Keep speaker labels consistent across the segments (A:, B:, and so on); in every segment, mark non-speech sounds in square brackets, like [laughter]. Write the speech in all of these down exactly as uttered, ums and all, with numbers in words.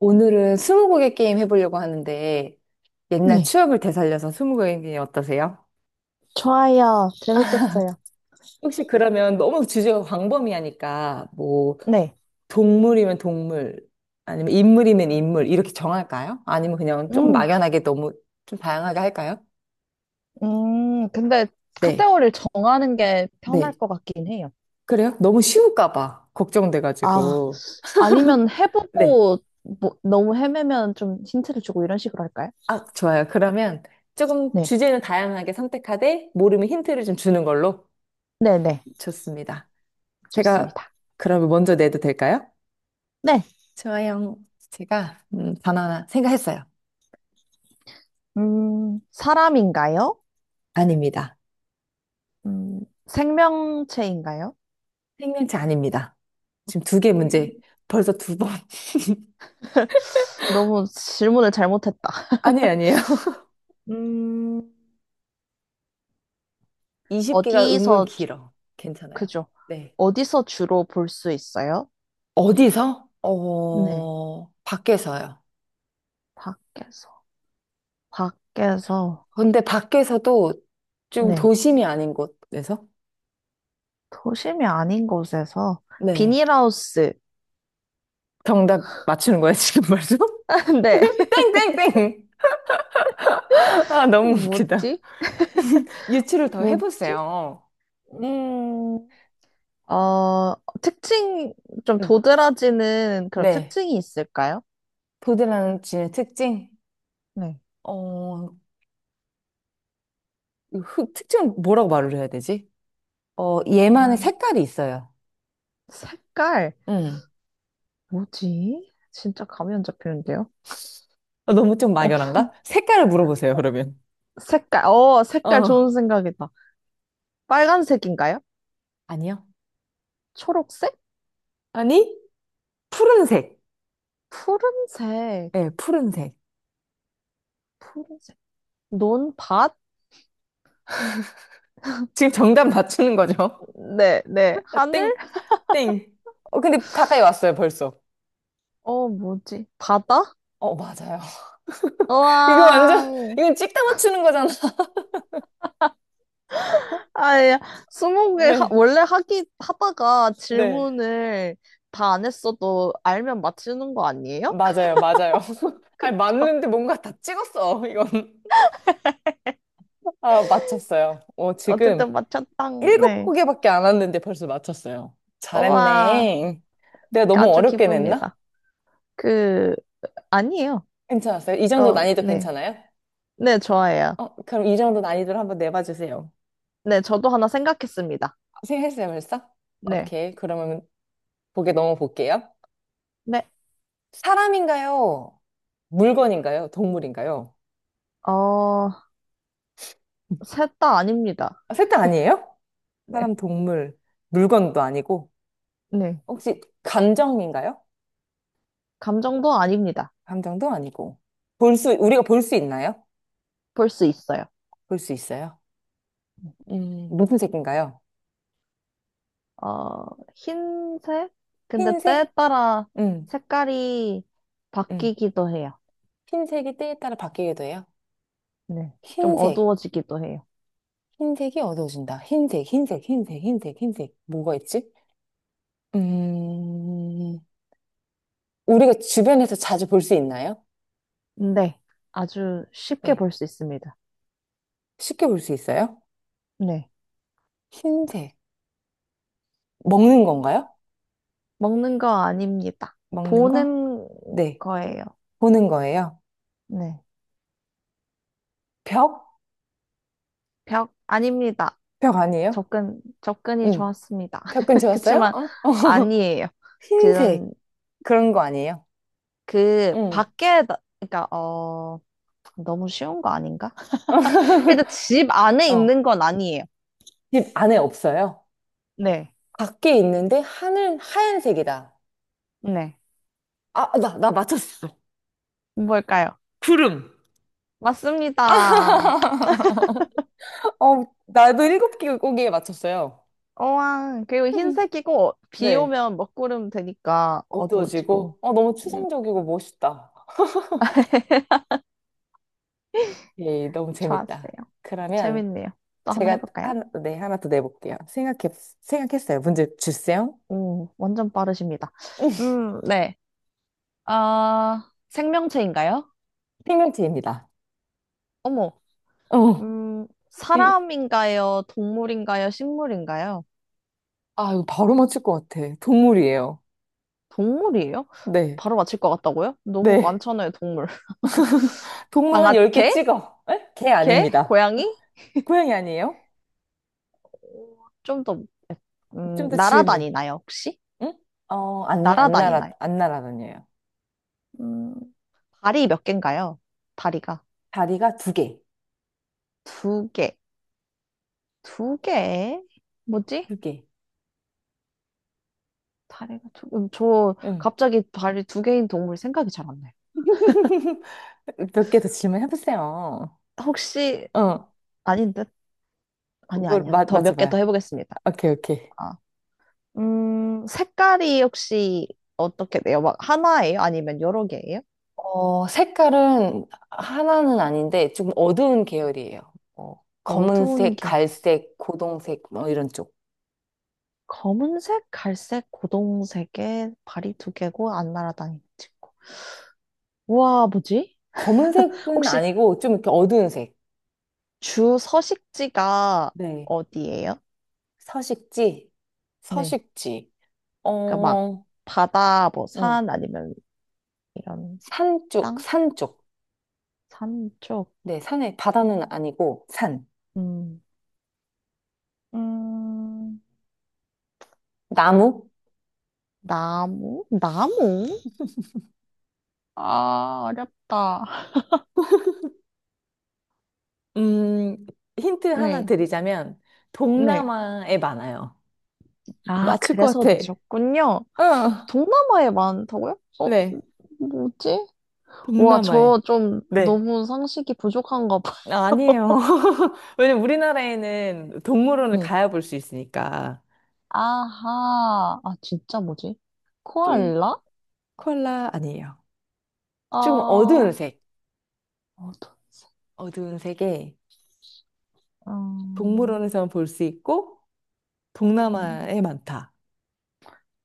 A: 오늘은 스무고개 게임 해보려고 하는데 옛날
B: 네.
A: 추억을 되살려서 스무고개 게임 어떠세요?
B: 좋아요. 재밌겠어요.
A: 혹시 그러면 너무 주제가 광범위하니까 뭐
B: 네.
A: 동물이면 동물 아니면 인물이면 인물 이렇게 정할까요? 아니면 그냥 조금
B: 음,
A: 막연하게 너무 좀 다양하게 할까요?
B: 음, 근데
A: 네.
B: 카테고리를 정하는 게 편할
A: 네.
B: 것 같긴 해요.
A: 그래요? 너무 쉬울까 봐
B: 아,
A: 걱정돼가지고.
B: 아니면
A: 네.
B: 해보고 뭐, 너무 헤매면 좀 힌트를 주고 이런 식으로 할까요?
A: 아, 좋아요. 그러면 조금
B: 네.
A: 주제는 다양하게 선택하되 모르면 힌트를 좀 주는 걸로
B: 네네.
A: 좋습니다. 제가
B: 좋습니다.
A: 그러면 먼저 내도 될까요?
B: 네.
A: 좋아요. 제가 음, 바나나 생각했어요.
B: 음, 사람인가요?
A: 아닙니다.
B: 음, 생명체인가요?
A: 생명체 아닙니다. 지금 두 개 문제. 벌써 두 번. [laughs]
B: 너무 질문을 잘못했다.
A: 아니에요, 아니에요.
B: 음,
A: 스무 개가 은근
B: 어디서, 주-
A: 길어. 괜찮아요.
B: 그죠?
A: 네.
B: 어디서 주로 볼 수 있어요?
A: 어디서?
B: 네.
A: 어, 밖에서요.
B: 밖에서. 밖에서,
A: 근데 밖에서도 좀
B: 네.
A: 도심이 아닌 곳에서?
B: 도심이 아닌 곳에서,
A: 네.
B: 비닐하우스.
A: 정답 맞추는 거예요, 지금 벌써?
B: [laughs] 네.
A: [laughs] 땡땡땡! 아, 너무 웃기다.
B: 뭐지?
A: 유추를 더
B: 뭐지?
A: 해보세요.
B: 음, 어, 특징, 좀
A: 음.
B: 도드라지는 그런
A: 네.
B: 특징이 있을까요?
A: 보드라지의 특징?
B: 네.
A: 어, 흑- 특징 뭐라고 말을 해야 되지? 어, 얘만의
B: 음,
A: 색깔이 있어요.
B: 색깔.
A: 음.
B: 뭐지? 진짜 감이 안 잡히는데요?
A: 어, 너무 좀
B: 어,
A: 막연한가? 색깔을 물어보세요, 그러면.
B: 색깔. 어, 색깔 좋은
A: 어,
B: 생각이다. 빨간색인가요?
A: 아니요.
B: 초록색?
A: 아니? 푸른색.
B: 푸른색.
A: 네, 푸른색.
B: 푸른색. 논밭?
A: 지금 정답 맞추는 거죠?
B: 네, 네.
A: [laughs] 아,
B: 하늘?
A: 땡, 땡. 어, 근데 가까이 왔어요, 벌써.
B: 어, 뭐지? 바다?
A: 어, 맞아요. [laughs] 이거 완전,
B: 우와.
A: 이건 찍다 맞추는 거잖아. [laughs]
B: 아야. 스무고개 하-
A: 네,
B: 원래 하기 하다가
A: 네.
B: 질문을 다 안 했어도 알면 맞추는 거 아니에요? [laughs]
A: 맞아요, 맞아요. [laughs] 아니,
B: 그쵸?
A: 맞는데 뭔가 다 찍었어, 이건. 아, 맞췄어요. 어, 지금
B: 어쨌든 맞췄당.
A: 일곱
B: 네.
A: 곡에밖에 안 왔는데 벌써 맞췄어요.
B: 우와.
A: 잘했네. 내가 너무
B: 아주
A: 어렵게 냈나?
B: 기쁩니다. 그 아니에요.
A: 괜찮았어요? 이 정도
B: 어,
A: 난이도
B: 네.
A: 괜찮아요?
B: 네, 좋아해요.
A: 어, 그럼 이 정도 난이도를 한번 내봐 주세요.
B: 네, 저도 하나 생각했습니다.
A: 생각했어요, 벌써?
B: 네.
A: 오케이. 그러면 보게 넘어볼게요.
B: 네.
A: 사람인가요? 물건인가요? 동물인가요?
B: 어, 셋 다 아닙니다.
A: 아, 셋다 아니에요?
B: 네.
A: 사람, 동물, 물건도 아니고.
B: 네.
A: 혹시 감정인가요?
B: 감정도 아닙니다.
A: 감정도 아니고. 볼 수, 우리가 볼 수 있나요?
B: 볼 수 있어요.
A: 볼 수 있어요. 음, 무슨 색인가요?
B: 어, 흰색? 근데
A: 흰색?
B: 때에 따라
A: 음,
B: 색깔이
A: 음.
B: 바뀌기도 해요.
A: 흰색이 때에 따라 바뀌기도 해요.
B: 네. 좀
A: 흰색.
B: 어두워지기도 해요.
A: 흰색이 어두워진다. 흰색, 흰색, 흰색, 흰색, 흰색. 뭐가 있지? 음, 우리가 주변에서 자주 볼 수 있나요?
B: 네. 아주 쉽게
A: 네.
B: 볼 수 있습니다.
A: 쉽게 볼 수 있어요?
B: 네.
A: 흰색. 먹는 건가요?
B: 먹는 거 아닙니다.
A: 먹는 거?
B: 보는
A: 네.
B: 거예요.
A: 보는 거예요.
B: 네.
A: 벽?
B: 벽 아닙니다.
A: 벽 아니에요?
B: 접근, 접근이
A: 응.
B: 좋았습니다.
A: 벽
B: [laughs]
A: 근처였어요?
B: 그치만
A: 어? 어.
B: 아니에요.
A: 흰색.
B: 그런,
A: 그런 거 아니에요?
B: 그,
A: 응.
B: 밖에, 그러니까, 어, 너무 쉬운 거 아닌가? [laughs] 일단 집
A: [laughs]
B: 안에
A: 어.
B: 있는 건 아니에요.
A: 집 안에 없어요?
B: 네.
A: 밖에 있는데 하늘 하얀색이다.
B: 네.
A: 아, 나, 나 맞췄어.
B: 뭘까요?
A: 구름.
B: 맞습니다.
A: [laughs] 어, 나도 일곱 개국에 맞췄어요.
B: 우와, 그리고
A: [laughs]
B: 흰색이고, 비
A: 네.
B: 오면 먹구름 되니까 어두워지고.
A: 어두워지고, 어, 너무
B: 네,
A: 추상적이고 멋있다. 예, 너무
B: 좋았어요.
A: 재밌다. 그러면
B: 재밌네요. 또 하나
A: 제가
B: 해볼까요?
A: 하나, 네, 하나 더 내볼게요. 생각해, 생각했어요. 문제 주세요.
B: 오, 완전 빠르십니다.
A: [laughs]
B: 음, 네. 아, 생명체인가요?
A: 생명체입니다.
B: 어머,
A: 어,
B: 음,
A: 이,
B: 사람인가요? 동물인가요? 식물인가요?
A: 아, 이거 바로 맞출 것 같아. 동물이에요.
B: 동물이에요?
A: 네,
B: 바로 맞힐 것 같다고요? 너무
A: 네.
B: 많잖아요, 동물. [laughs]
A: 동물 한
B: 강아,
A: 열 개
B: 개?
A: 찍어. 에? 개
B: 개?
A: 아닙니다.
B: 고양이?
A: 고양이 아니에요?
B: 좀더
A: 좀
B: 음,
A: 더 질문.
B: 날아다니나요, 혹시?
A: 응? 어, 아니, 안 날아,
B: 날아다니나요?
A: 안 날아다녀요.
B: 음, 다리 몇 개인가요? 다리가.
A: 다리가 두 개.
B: 두 개. 두 개? 뭐지?
A: 두 개.
B: 다리가 두, 음, 저
A: 응.
B: 갑자기 다리 두 개인 동물 생각이 잘 안 나요.
A: [laughs] 몇 개 더 질문해보세요.
B: 혹시,
A: 어,
B: 아닌 듯? 아니,
A: 뭘,
B: 아니야.
A: 맞,
B: 더 몇 개 더
A: 맞춰봐요.
B: 해보겠습니다.
A: 오케이, 오케이.
B: 아, 음, 색깔이 혹시 어떻게 돼요? 막 하나예요? 아니면 여러 개예요?
A: 어, 색깔은 하나는 아닌데 좀 어두운 계열이에요. 어,
B: 어두운
A: 검은색,
B: 계열.
A: 갈색, 고동색, 뭐 이런 쪽.
B: 검은색, 갈색, 고동색에 발이 두 개고 안 날아다니는 친구. 우와, 뭐지?
A: 검은색은
B: 혹시
A: 아니고 좀 이렇게 어두운 색.
B: 주 서식지가
A: 네.
B: 어디예요?
A: 서식지,
B: 네.
A: 서식지.
B: 그러니까 막
A: 어,
B: 바다, 뭐
A: 응.
B: 산 아니면 이런
A: 산 쪽,
B: 땅?
A: 산 쪽.
B: 산 쪽?
A: 네, 산에, 바다는 아니고, 산.
B: 음, 음,
A: 나무?
B: 나무? 나무? 아, 어렵다.
A: 음, 힌트 하나
B: 네,
A: 드리자면,
B: 네.
A: 동남아에 많아요.
B: 아,
A: 맞출 것
B: 그래서
A: 같아.
B: 내셨군요.
A: 어,
B: 동남아에 많다고요? 어,
A: 네.
B: 뭐지? 와, 저
A: 동남아에.
B: 좀
A: 네.
B: 너무 상식이 부족한가 봐.
A: 아, 아니에요. [laughs] 왜냐면 우리나라에는 동물원을
B: 네.
A: 가야 볼 수 있으니까.
B: 아하. 아, 진짜 뭐지?
A: 좀,
B: 코알라?
A: 컬라 아니에요.
B: 아,
A: 조금 어두운
B: 어,
A: 색. 어두운 색에
B: 음,
A: 동물원에서만 볼 수 있고,
B: 음.
A: 동남아에 많다.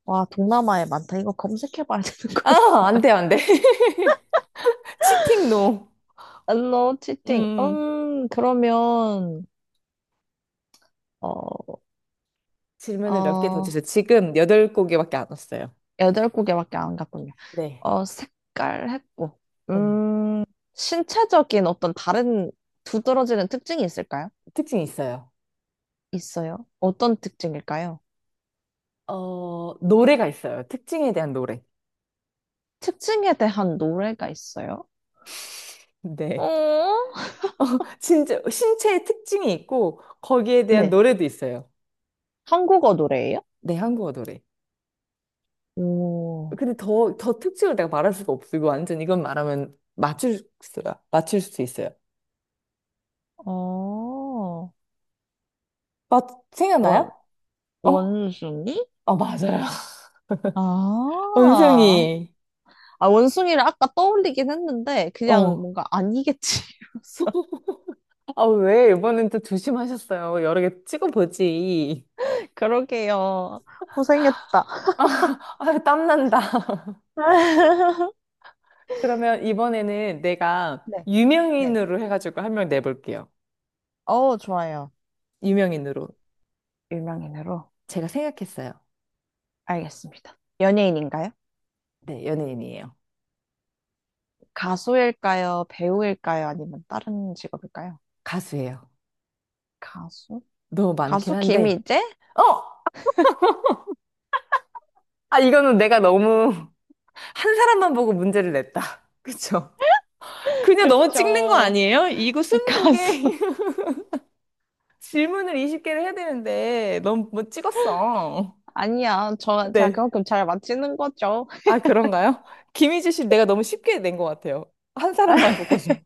B: 와, 동남아에 많다. 이거 검색해봐야 되는 거야.
A: 아,
B: [laughs]
A: 안 돼, 안 돼. [laughs] 치팅 노.
B: 알로 치팅.
A: 음,
B: 음, 그러면, 어,
A: 질문을 몇 개 더 주세요.
B: 어,
A: 지금 여덟 곡에밖에 안 왔어요.
B: 여덟 곡에밖에 안 갔군요.
A: 네.
B: 어, 색깔 했고.
A: 음,
B: 음, 신체적인 어떤 다른 두드러지는 특징이 있을까요?
A: 특징이 있어요.
B: 있어요. 어떤 특징일까요?
A: 어, 노래가 있어요. 특징에 대한 노래.
B: 특징에 대한 노래가 있어요?
A: 네.
B: 어?
A: 어, 진짜 신체의 특징이 있고 거기에 대한
B: 네.
A: 노래도 있어요.
B: 한국어 노래예요?
A: 네, 한국어 노래.
B: 오,
A: 근데 더, 더 특징을 내가 말할 수가 없어. 이거 완전 이건 말하면 맞출 수, 맞출 수 있어요.
B: 어,
A: 맞,
B: 원,
A: 생각나요? 어?
B: 원숭이?
A: 어, 맞아요. [laughs]
B: 아,
A: 원숭이.
B: 아, 원숭이를 아까 떠올리긴 했는데, 그냥
A: 어.
B: 뭔가 아니겠지. 이러면서.
A: 아, 왜? 이번엔 또 조심하셨어요. 여러 개 찍어보지.
B: [laughs] 그러게요. 고생했다.
A: [laughs] 아, 땀난다. [laughs]
B: [laughs]
A: 그러면 이번에는 내가
B: 네, 네.
A: 유명인으로 해가지고 한 명 내볼게요.
B: 어, 좋아요.
A: 유명인으로.
B: 유명인으로.
A: 제가 생각했어요.
B: 알겠습니다. 연예인인가요?
A: 네, 연예인이에요.
B: 가수일까요? 배우일까요? 아니면 다른 직업일까요?
A: 가수예요.
B: 가수?
A: 너무 많긴
B: 가수
A: 한데.
B: 김희재?
A: 어! 아, 이거는 내가 너무 [laughs] 한 사람만 보고 문제를 냈다. [laughs] 그쵸?
B: [laughs]
A: 그냥 너무 찍는 거
B: 그쵸.
A: 아니에요? 이거 스무고개
B: 가수. [laughs]
A: [laughs] 질문을 스무 개를 해야 되는데 너무 뭐 찍었어.
B: 아니야. 저, 제가
A: 네.
B: 그만큼 잘 맞히는 거죠.
A: 아, 그런가요? 김희지 씨 내가 너무 쉽게 낸 것 같아요. 한 사람만
B: [laughs]
A: 보고서.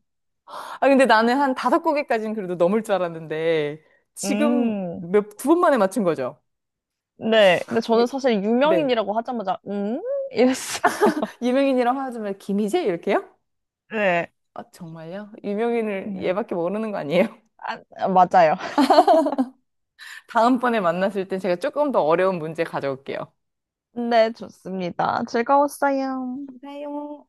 A: 아, 근데 나는 한 다섯 곡에까지는 그래도 넘을 줄 알았는데, 지금
B: 음.
A: 몇, 두 번 만에 맞춘 거죠?
B: 네. 근데 저는
A: 유-
B: 사실
A: 네.
B: 유명인이라고 하자마자, 음? 이랬어요.
A: 유명인이랑 화하자면 김희재? 이렇게요?
B: 네.
A: 아, 정말요? 유명인을
B: 네.
A: 얘밖에 모르는 거 아니에요?
B: 아, 아, 맞아요. [laughs]
A: [laughs] 다음번에 만났을 땐 제가 조금 더 어려운 문제 가져올게요.
B: 네, 좋습니다. 즐거웠어요.
A: 감사해요.